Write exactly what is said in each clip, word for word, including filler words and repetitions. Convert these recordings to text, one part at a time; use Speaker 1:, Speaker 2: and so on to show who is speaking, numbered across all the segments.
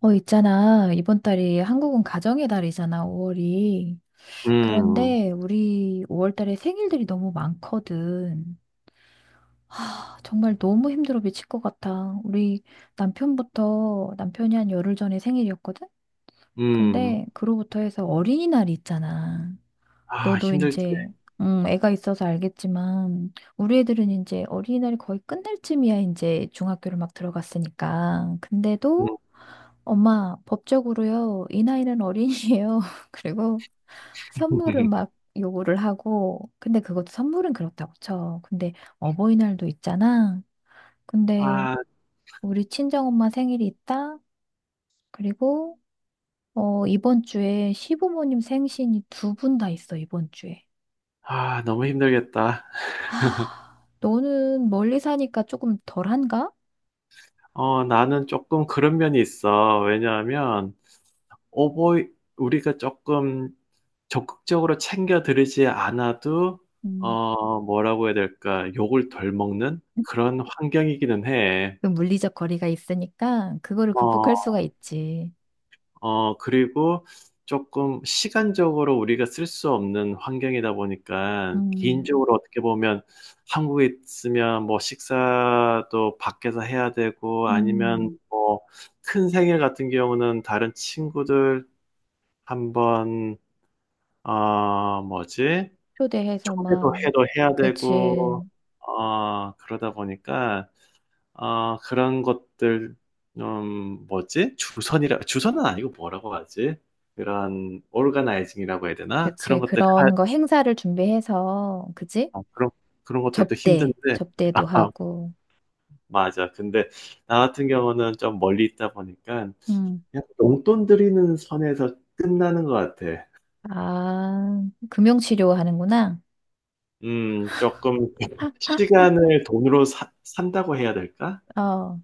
Speaker 1: 어, 있잖아. 이번 달이 한국은 가정의 달이잖아, 오월이.
Speaker 2: 음.
Speaker 1: 그런데 우리 오월 달에 생일들이 너무 많거든. 아, 정말 너무 힘들어 미칠 것 같아. 우리 남편부터, 남편이 한 열흘 전에 생일이었거든?
Speaker 2: 음.
Speaker 1: 근데 그로부터 해서 어린이날이 있잖아.
Speaker 2: 아,
Speaker 1: 너도
Speaker 2: 힘들지.
Speaker 1: 이제, 음, 애가 있어서 알겠지만, 우리 애들은 이제 어린이날이 거의 끝날 쯤이야, 이제 중학교를 막 들어갔으니까.
Speaker 2: 음.
Speaker 1: 근데도 엄마, 법적으로요, 이 나이는 어린이에요. 그리고 선물을 막 요구를 하고, 근데 그것도 선물은 그렇다고 쳐. 근데 어버이날도 있잖아. 근데
Speaker 2: 아,
Speaker 1: 우리 친정엄마 생일이 있다. 그리고, 어, 이번 주에 시부모님 생신이 두 분 다 있어, 이번 주에.
Speaker 2: 아, 너무 힘들겠다.
Speaker 1: 아, 너는 멀리 사니까 조금 덜한가?
Speaker 2: 어, 나는 조금 그런 면이 있어. 왜냐하면 오버이, 우리가 조금 적극적으로 챙겨드리지 않아도,
Speaker 1: 음,
Speaker 2: 어, 뭐라고 해야 될까, 욕을 덜 먹는 그런 환경이기는 해.
Speaker 1: 그 물리적 거리가 있으니까 그거를
Speaker 2: 어,
Speaker 1: 극복할 수가 있지.
Speaker 2: 어, 그리고 조금 시간적으로 우리가 쓸 수 없는 환경이다 보니까,
Speaker 1: 음,
Speaker 2: 개인적으로 어떻게 보면 한국에 있으면 뭐 식사도 밖에서 해야 되고, 아니면
Speaker 1: 음.
Speaker 2: 뭐 큰 생일 같은 경우는 다른 친구들 한번 어, 뭐지?
Speaker 1: 초대해서
Speaker 2: 초대도
Speaker 1: 막,
Speaker 2: 해도 해야
Speaker 1: 그치.
Speaker 2: 되고, 어, 그러다 보니까, 아, 그런 것들, 음, 뭐지? 주선이라, 주선은 아니고 뭐라고 하지? 그런, 오르가나이징이라고 해야 되나? 그런
Speaker 1: 그치.
Speaker 2: 것들, 할,
Speaker 1: 그런 거 행사를 준비해서, 그치?
Speaker 2: 아, 그런, 그런 것들도
Speaker 1: 접대,
Speaker 2: 힘든데,
Speaker 1: 접대도
Speaker 2: 아,
Speaker 1: 하고.
Speaker 2: 맞아. 근데 나 같은 경우는 좀 멀리 있다 보니까,
Speaker 1: 음.
Speaker 2: 그냥 용돈 드리는 선에서 끝나는 것 같아.
Speaker 1: 아, 금융치료 하는구나.
Speaker 2: 음, 조금, 시간을 돈으로 사- 산다고 해야 될까?
Speaker 1: 어.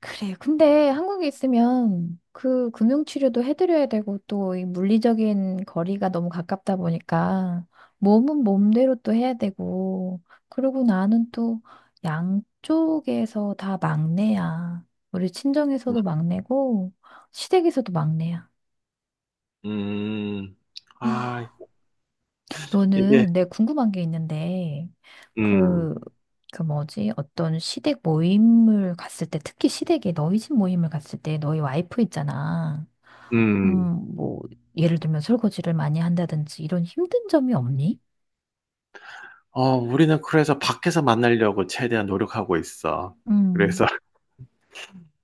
Speaker 1: 그래. 근데 한국에 있으면 그 금융치료도 해드려야 되고 또 이 물리적인 거리가 너무 가깝다 보니까 몸은 몸대로 또 해야 되고 그러고 나는 또 양쪽에서 다 막내야. 우리 친정에서도 막내고 시댁에서도 막내야.
Speaker 2: 음, 음. 아,
Speaker 1: 아,
Speaker 2: 이게,
Speaker 1: 너는 내 궁금한 게 있는데
Speaker 2: 음,
Speaker 1: 그, 그 뭐지? 어떤 시댁 모임을 갔을 때 특히 시댁에 너희 집 모임을 갔을 때 너희 와이프 있잖아. 음,
Speaker 2: 음.
Speaker 1: 뭐, 예를 들면 설거지를 많이 한다든지 이런 힘든 점이 없니?
Speaker 2: 어, 우리는 그래서 밖에서 만나려고 최대한 노력하고 있어.
Speaker 1: 음,
Speaker 2: 그래서,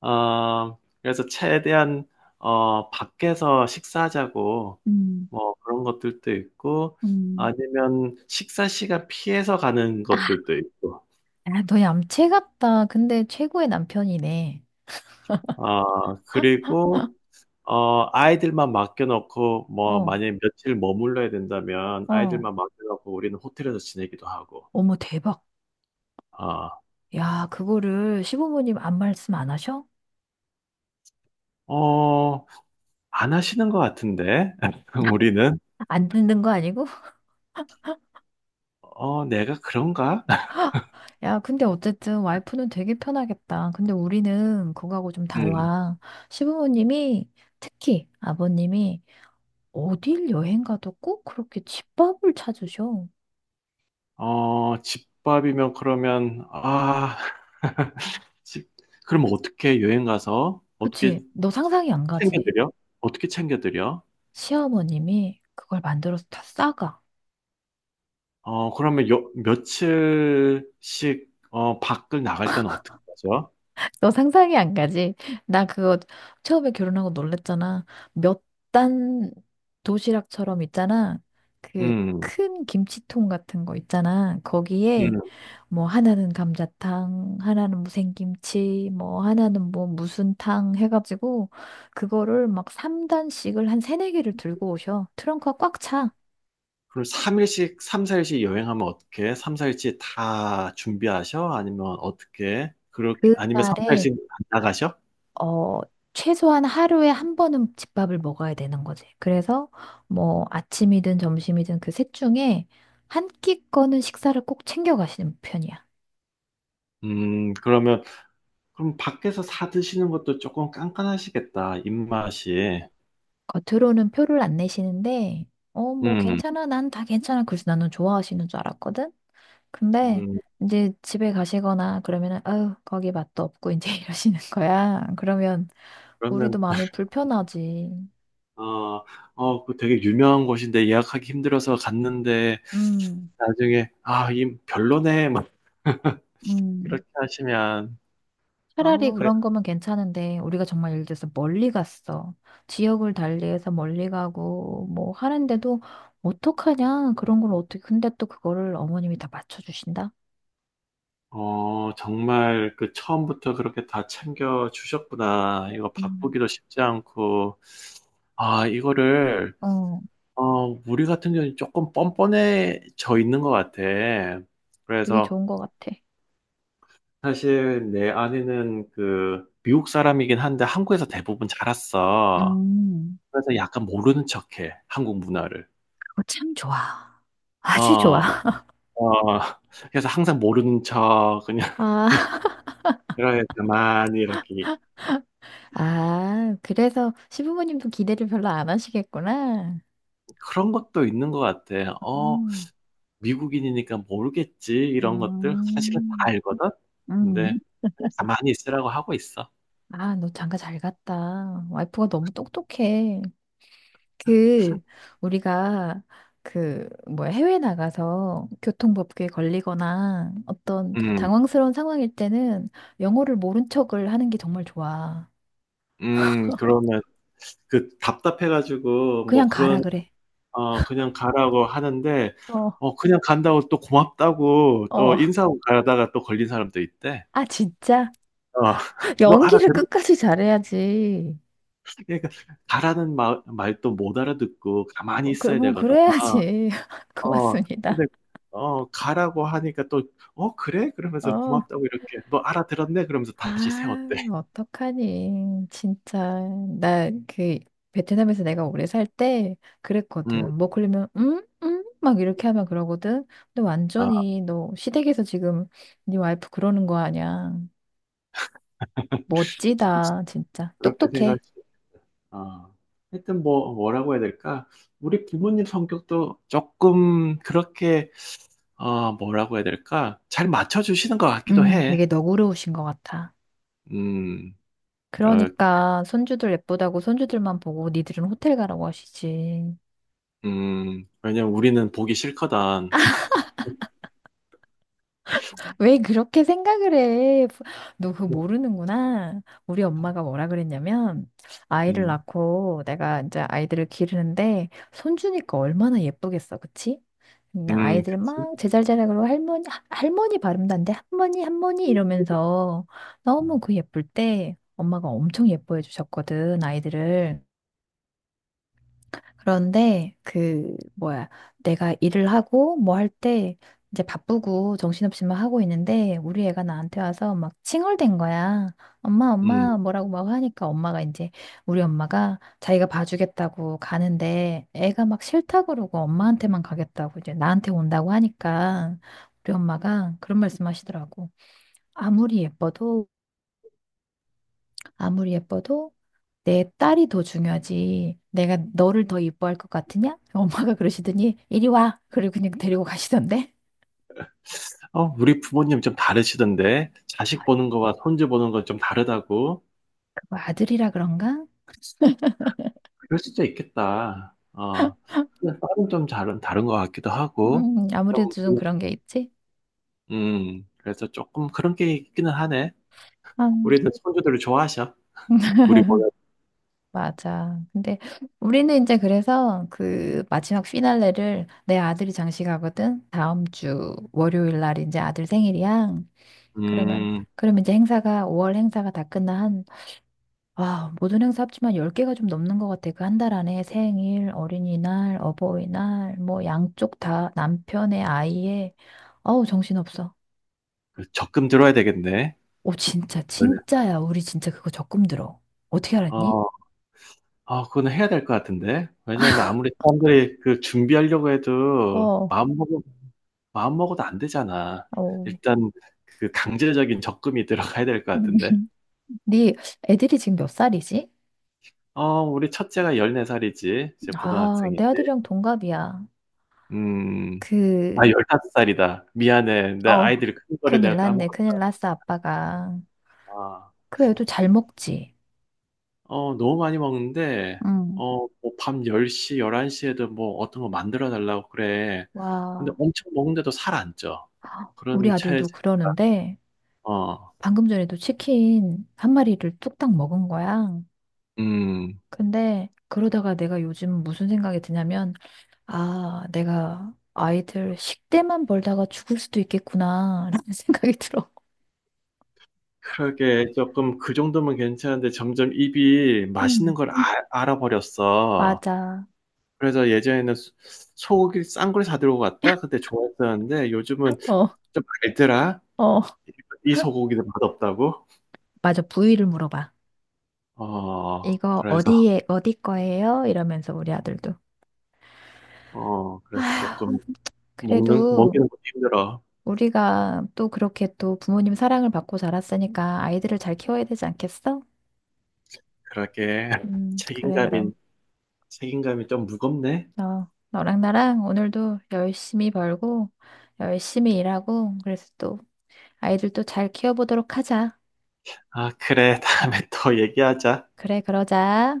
Speaker 2: 어, 그래서 최대한, 어, 밖에서 식사하자고,
Speaker 1: 음,
Speaker 2: 뭐 그런 것들도 있고,
Speaker 1: 음.
Speaker 2: 아니면 식사 시간 피해서 가는
Speaker 1: 아,
Speaker 2: 것들도 있고,
Speaker 1: 너 얌체 같다. 근데 최고의 남편이네.
Speaker 2: 어, 그리고, 어, 아이들만 맡겨놓고, 뭐,
Speaker 1: 어,
Speaker 2: 만약에 며칠 머물러야 된다면,
Speaker 1: 어.
Speaker 2: 아이들만 맡겨놓고 우리는 호텔에서 지내기도 하고,
Speaker 1: 어머, 대박.
Speaker 2: 어,
Speaker 1: 야, 그거를 시부모님 안 말씀 안 하셔?
Speaker 2: 어, 안 하시는 것 같은데, 우리는.
Speaker 1: 안 듣는 거 아니고?
Speaker 2: 어, 내가 그런가?
Speaker 1: 야, 근데 어쨌든 와이프는 되게 편하겠다. 근데 우리는 그거하고 좀
Speaker 2: 음.
Speaker 1: 달라. 시부모님이 특히 아버님이 어딜 여행 가도 꼭 그렇게 집밥을 찾으셔.
Speaker 2: 어, 집밥이면 그러면, 아, 집, 그럼 어떻게 여행 가서 어떻게
Speaker 1: 그치. 너 상상이 안 가지.
Speaker 2: 챙겨드려? 어떻게 챙겨드려?
Speaker 1: 시어머님이 그걸 만들어서 다 싸가.
Speaker 2: 어, 그러면 요, 며칠씩, 어, 밖을 나갈 때는 어떻게 하죠?
Speaker 1: 너 상상이 안 가지. 나 그거 처음에 결혼하고 놀랬잖아. 몇 단 도시락처럼 있잖아. 그
Speaker 2: 음,
Speaker 1: 큰 김치통 같은 거 있잖아. 거기에
Speaker 2: 음.
Speaker 1: 뭐 하나는 감자탕, 하나는 무생김치, 뭐 하나는 뭐 무슨 탕 해가지고 그거를 막 삼 단씩을 한 세네 개를 들고 오셔. 트렁크가 꽉 차.
Speaker 2: 그럼 삼 일씩, 삼, 사 일씩 여행하면 어떻게? 삼, 사 일씩 다 준비하셔? 아니면 어떻게? 그렇게,
Speaker 1: 그
Speaker 2: 아니면 삼,
Speaker 1: 날에
Speaker 2: 사 일씩 안 나가셔?
Speaker 1: 어, 최소한 하루에 한 번은 집밥을 먹어야 되는 거지. 그래서 뭐 아침이든 점심이든 그 셋 중에 한 끼거는 식사를 꼭 챙겨가시는 편이야.
Speaker 2: 음, 그러면 그럼 밖에서 사 드시는 것도 조금 깐깐하시겠다, 입맛이.
Speaker 1: 겉으로는 표를 안 내시는데, 어, 뭐
Speaker 2: 음,
Speaker 1: 괜찮아. 난 다 괜찮아. 그래서 나는 좋아하시는 줄 알았거든. 근데
Speaker 2: 음,
Speaker 1: 이제 집에 가시거나 그러면은, 아유, 거기 맛도 없고 이제 이러시는 거야. 그러면
Speaker 2: 그러면,
Speaker 1: 우리도 마음이 불편하지.
Speaker 2: 어, 어, 그 되게 유명한 곳인데 예약하기 힘들어서 갔는데
Speaker 1: 음,
Speaker 2: 나중에, 아, 이 별로네, 막
Speaker 1: 음.
Speaker 2: 이렇게 하시면, 아,
Speaker 1: 차라리
Speaker 2: 왜-
Speaker 1: 그런 거면 괜찮은데 우리가 정말 예를 들어서 멀리 갔어. 지역을 달리해서 멀리 가고 뭐 하는데도 어떡하냐? 그런 걸 어떻게 근데 또 그거를 어머님이 다 맞춰주신다?
Speaker 2: 어, 정말 그 처음부터 그렇게 다 챙겨 주셨구나. 이거
Speaker 1: 음,
Speaker 2: 바쁘기도 쉽지 않고, 아, 이거를,
Speaker 1: 어,
Speaker 2: 어, 우리 같은 경우는 조금 뻔뻔해져 있는 것 같아.
Speaker 1: 그게
Speaker 2: 그래서,
Speaker 1: 좋은 것 같아.
Speaker 2: 사실 내 아내는 그 미국 사람이긴 한데 한국에서 대부분 자랐어.
Speaker 1: 음,
Speaker 2: 그래서 약간 모르는 척해 한국 문화를.
Speaker 1: 그거 참 좋아. 아주 좋아.
Speaker 2: 어, 어. 그래서 항상 모르는 척 그냥,
Speaker 1: 아,
Speaker 2: 이렇게 가만히 이렇게,
Speaker 1: 아, 그래서 시부모님도 기대를 별로 안 하시겠구나.
Speaker 2: 그런 것도 있는 것 같아. 어,
Speaker 1: 음,
Speaker 2: 미국인이니까 모르겠지, 이런 것들 사실은 다
Speaker 1: 음,
Speaker 2: 알거든.
Speaker 1: 음.
Speaker 2: 근데 그냥 가만히 있으라고 하고 있어.
Speaker 1: 아, 너 장가 잘 갔다. 와이프가 너무 똑똑해. 그 우리가 그 뭐야 해외 나가서 교통법규에 걸리거나 어떤
Speaker 2: 음,
Speaker 1: 당황스러운 상황일 때는 영어를 모른 척을 하는 게 정말 좋아.
Speaker 2: 음, 그러면 그 답답해가지고 뭐
Speaker 1: 그냥 가라
Speaker 2: 그런,
Speaker 1: 그래.
Speaker 2: 어 그냥 가라고 하는데
Speaker 1: 어,
Speaker 2: 어 그냥 간다고 또 고맙다고 또
Speaker 1: 어.
Speaker 2: 인사하고 가다가 또 걸린 사람도 있대.
Speaker 1: 아 진짜.
Speaker 2: 어. 너
Speaker 1: 연기를
Speaker 2: 알아들어?
Speaker 1: 끝까지 잘해야지.
Speaker 2: 그러니까 가라는 말 말도 못 알아듣고 가만히
Speaker 1: 어, 그,
Speaker 2: 있어야
Speaker 1: 뭐
Speaker 2: 되거든.
Speaker 1: 그래야지.
Speaker 2: 어. 근데
Speaker 1: 고맙습니다.
Speaker 2: 어 가라고 하니까 또 "어 그래?" 그러면서
Speaker 1: 어,
Speaker 2: 고맙다고 이렇게 "너 알아들었네?" 그러면서 다시
Speaker 1: 아,
Speaker 2: 세웠대.
Speaker 1: 어떡하니. 진짜. 나 그 베트남에서 내가 오래 살 때
Speaker 2: 음.
Speaker 1: 그랬거든. 뭐 그러면 응? 응? 막 이렇게 하면 그러거든. 근데
Speaker 2: 아
Speaker 1: 완전히 너 시댁에서 지금 네 와이프 그러는 거 아니야.
Speaker 2: 그래서
Speaker 1: 멋지다, 진짜.
Speaker 2: 그렇게 생각할
Speaker 1: 똑똑해.
Speaker 2: 수, 아. 하여튼 뭐 뭐라고 해야 될까? 우리 부모님 성격도 쪼끔 그렇게, 어, 뭐라고 해야 될까? 잘 맞춰주시는 것 같기도
Speaker 1: 음,
Speaker 2: 해.
Speaker 1: 되게 너그러우신 것 같아.
Speaker 2: 음, 어,
Speaker 1: 그러니까 손주들 예쁘다고 손주들만 보고 니들은 호텔 가라고 하시지.
Speaker 2: 음, 왜냐면 우리는 보기 싫거든.
Speaker 1: 왜 그렇게 생각을 해? 부- 너 그거 모르는구나. 우리 엄마가 뭐라 그랬냐면, 아이를
Speaker 2: 음,
Speaker 1: 낳고 내가 이제 아이들을 기르는데, 손주니까 얼마나 예쁘겠어, 그치? 근데
Speaker 2: 음,
Speaker 1: 아이들
Speaker 2: 그치?
Speaker 1: 막 제잘제잘하고 할머니, 하- 할머니 발음단데, 할머니, 할머니 이러면서 너무 그 예쁠 때 엄마가 엄청 예뻐해 주셨거든, 아이들을. 그런데 그 뭐야 내가 일을 하고 뭐 할 때 이제 바쁘고 정신없이 막 하고 있는데 우리 애가 나한테 와서 막 칭얼댄 거야. 엄마
Speaker 2: 음,
Speaker 1: 엄마 뭐라고 막 하니까 엄마가 이제 우리 엄마가 자기가 봐주겠다고 가는데 애가 막 싫다 그러고 엄마한테만 가겠다고 이제 나한테 온다고 하니까 우리 엄마가 그런 말씀 하시더라고. 아무리 예뻐도 아무리 예뻐도 내 딸이 더 중요하지. 내가 너를 더 이뻐할 것 같으냐? 엄마가 그러시더니 이리 와. 그리고 그냥 데리고 가시던데.
Speaker 2: 어, 우리 부모님 좀 다르시던데?
Speaker 1: 아,
Speaker 2: 자식 보는 거와 손주 보는 건 좀 다르다고?
Speaker 1: 그거 아들이라 그런가?
Speaker 2: 그럴 수도 있겠다. 어, 딸은 좀 다른, 다른 것 같기도 하고.
Speaker 1: 음, 아무래도
Speaker 2: 좀,
Speaker 1: 좀 그런 게 있지.
Speaker 2: 음, 그래서 조금 그런 게 있기는 하네.
Speaker 1: 음.
Speaker 2: 우리도 손주들을 좋아하셔. 우리보다,
Speaker 1: 맞아. 근데 우리는 이제 그래서 그 마지막 피날레를 내 아들이 장식하거든. 다음 주 월요일 날 이제 아들 생일이야. 그러면
Speaker 2: 음,
Speaker 1: 그러면 이제 행사가 오월 행사가 다 끝나. 와, 모든 행사 합치면 열 개가 좀 넘는 것 같아. 그 한 달 안에 생일, 어린이날, 어버이날, 뭐 양쪽 다 남편의 아이의. 어우, 정신없어.
Speaker 2: 그 적금 들어야 되겠네.
Speaker 1: 오, 진짜, 진짜야. 우리 진짜 그거 적금 들어. 어떻게 알았니?
Speaker 2: 어. 아 그거는 해야 될 것 같은데. 왜냐하면 아무리 사람들이 그 준비하려고 해도
Speaker 1: 어,
Speaker 2: 마음먹어 마음먹어도 안 되잖아.
Speaker 1: 어.
Speaker 2: 일단 그 강제적인 적금이 들어가야 될 것 같은데.
Speaker 1: 네. 애들이 지금 몇 살이지?
Speaker 2: 어 우리 첫째가 열네 살이지. 이제
Speaker 1: 아, 내
Speaker 2: 고등학생이지.
Speaker 1: 아들이랑 동갑이야.
Speaker 2: 음.
Speaker 1: 그,
Speaker 2: 아 열다섯 살이다. 미안해. 내
Speaker 1: 어,
Speaker 2: 아이들이 큰 거를
Speaker 1: 큰일
Speaker 2: 내가
Speaker 1: 났네.
Speaker 2: 까먹었다.
Speaker 1: 큰일 났어, 아빠가.
Speaker 2: 아.
Speaker 1: 그 애도 잘 먹지.
Speaker 2: 어 너무 많이 먹는데,
Speaker 1: 응.
Speaker 2: 어 뭐 밤 1 0 열한 일 한 시에도 뭐 어떤 거 만들어 달라고 그래. 근데
Speaker 1: 와,
Speaker 2: 엄청 먹는데도 살 안 쪄.
Speaker 1: 우리
Speaker 2: 그런 체
Speaker 1: 아들도
Speaker 2: 질
Speaker 1: 그러는데.
Speaker 2: 어,
Speaker 1: 방금 전에도 치킨 한 마리를 뚝딱 먹은 거야.
Speaker 2: 음,
Speaker 1: 근데 그러다가 내가 요즘 무슨 생각이 드냐면, 아, 내가 아이들 식대만 벌다가 죽을 수도 있겠구나, 라는 생각이 들어.
Speaker 2: 그러게, 조금 그 정도면 괜찮은데 점점 입이 맛있는
Speaker 1: 음,
Speaker 2: 걸, 음, 아- 알아버렸어.
Speaker 1: 맞아.
Speaker 2: 그래서 예전에는 소- 소고기 싼 걸 사들고 갔다? 그때 좋았었는데 요즘은
Speaker 1: 어,
Speaker 2: 좀 알더라.
Speaker 1: 어.
Speaker 2: 이 소고기도 맛없다고?
Speaker 1: 맞아, 부위를 물어봐.
Speaker 2: 어,
Speaker 1: 이거
Speaker 2: 그래서,
Speaker 1: 어디에, 어디 거예요? 이러면서 우리 아들도.
Speaker 2: 어, 그래서 조금 먹는,
Speaker 1: 그래도
Speaker 2: 먹이는 것도 힘들어.
Speaker 1: 우리가 또 그렇게 또 부모님 사랑을 받고 자랐으니까 아이들을 잘 키워야 되지 않겠어?
Speaker 2: 그러게.
Speaker 1: 음, 그래, 그럼.
Speaker 2: 책임감이, 책임감이 좀 무겁네.
Speaker 1: 너, 너랑 나랑 오늘도 열심히 벌고, 열심히 일하고, 그래서 또 아이들도 잘 키워보도록 하자.
Speaker 2: 아, 그래. 다음에 또 얘기하자.
Speaker 1: 그래, 그러자.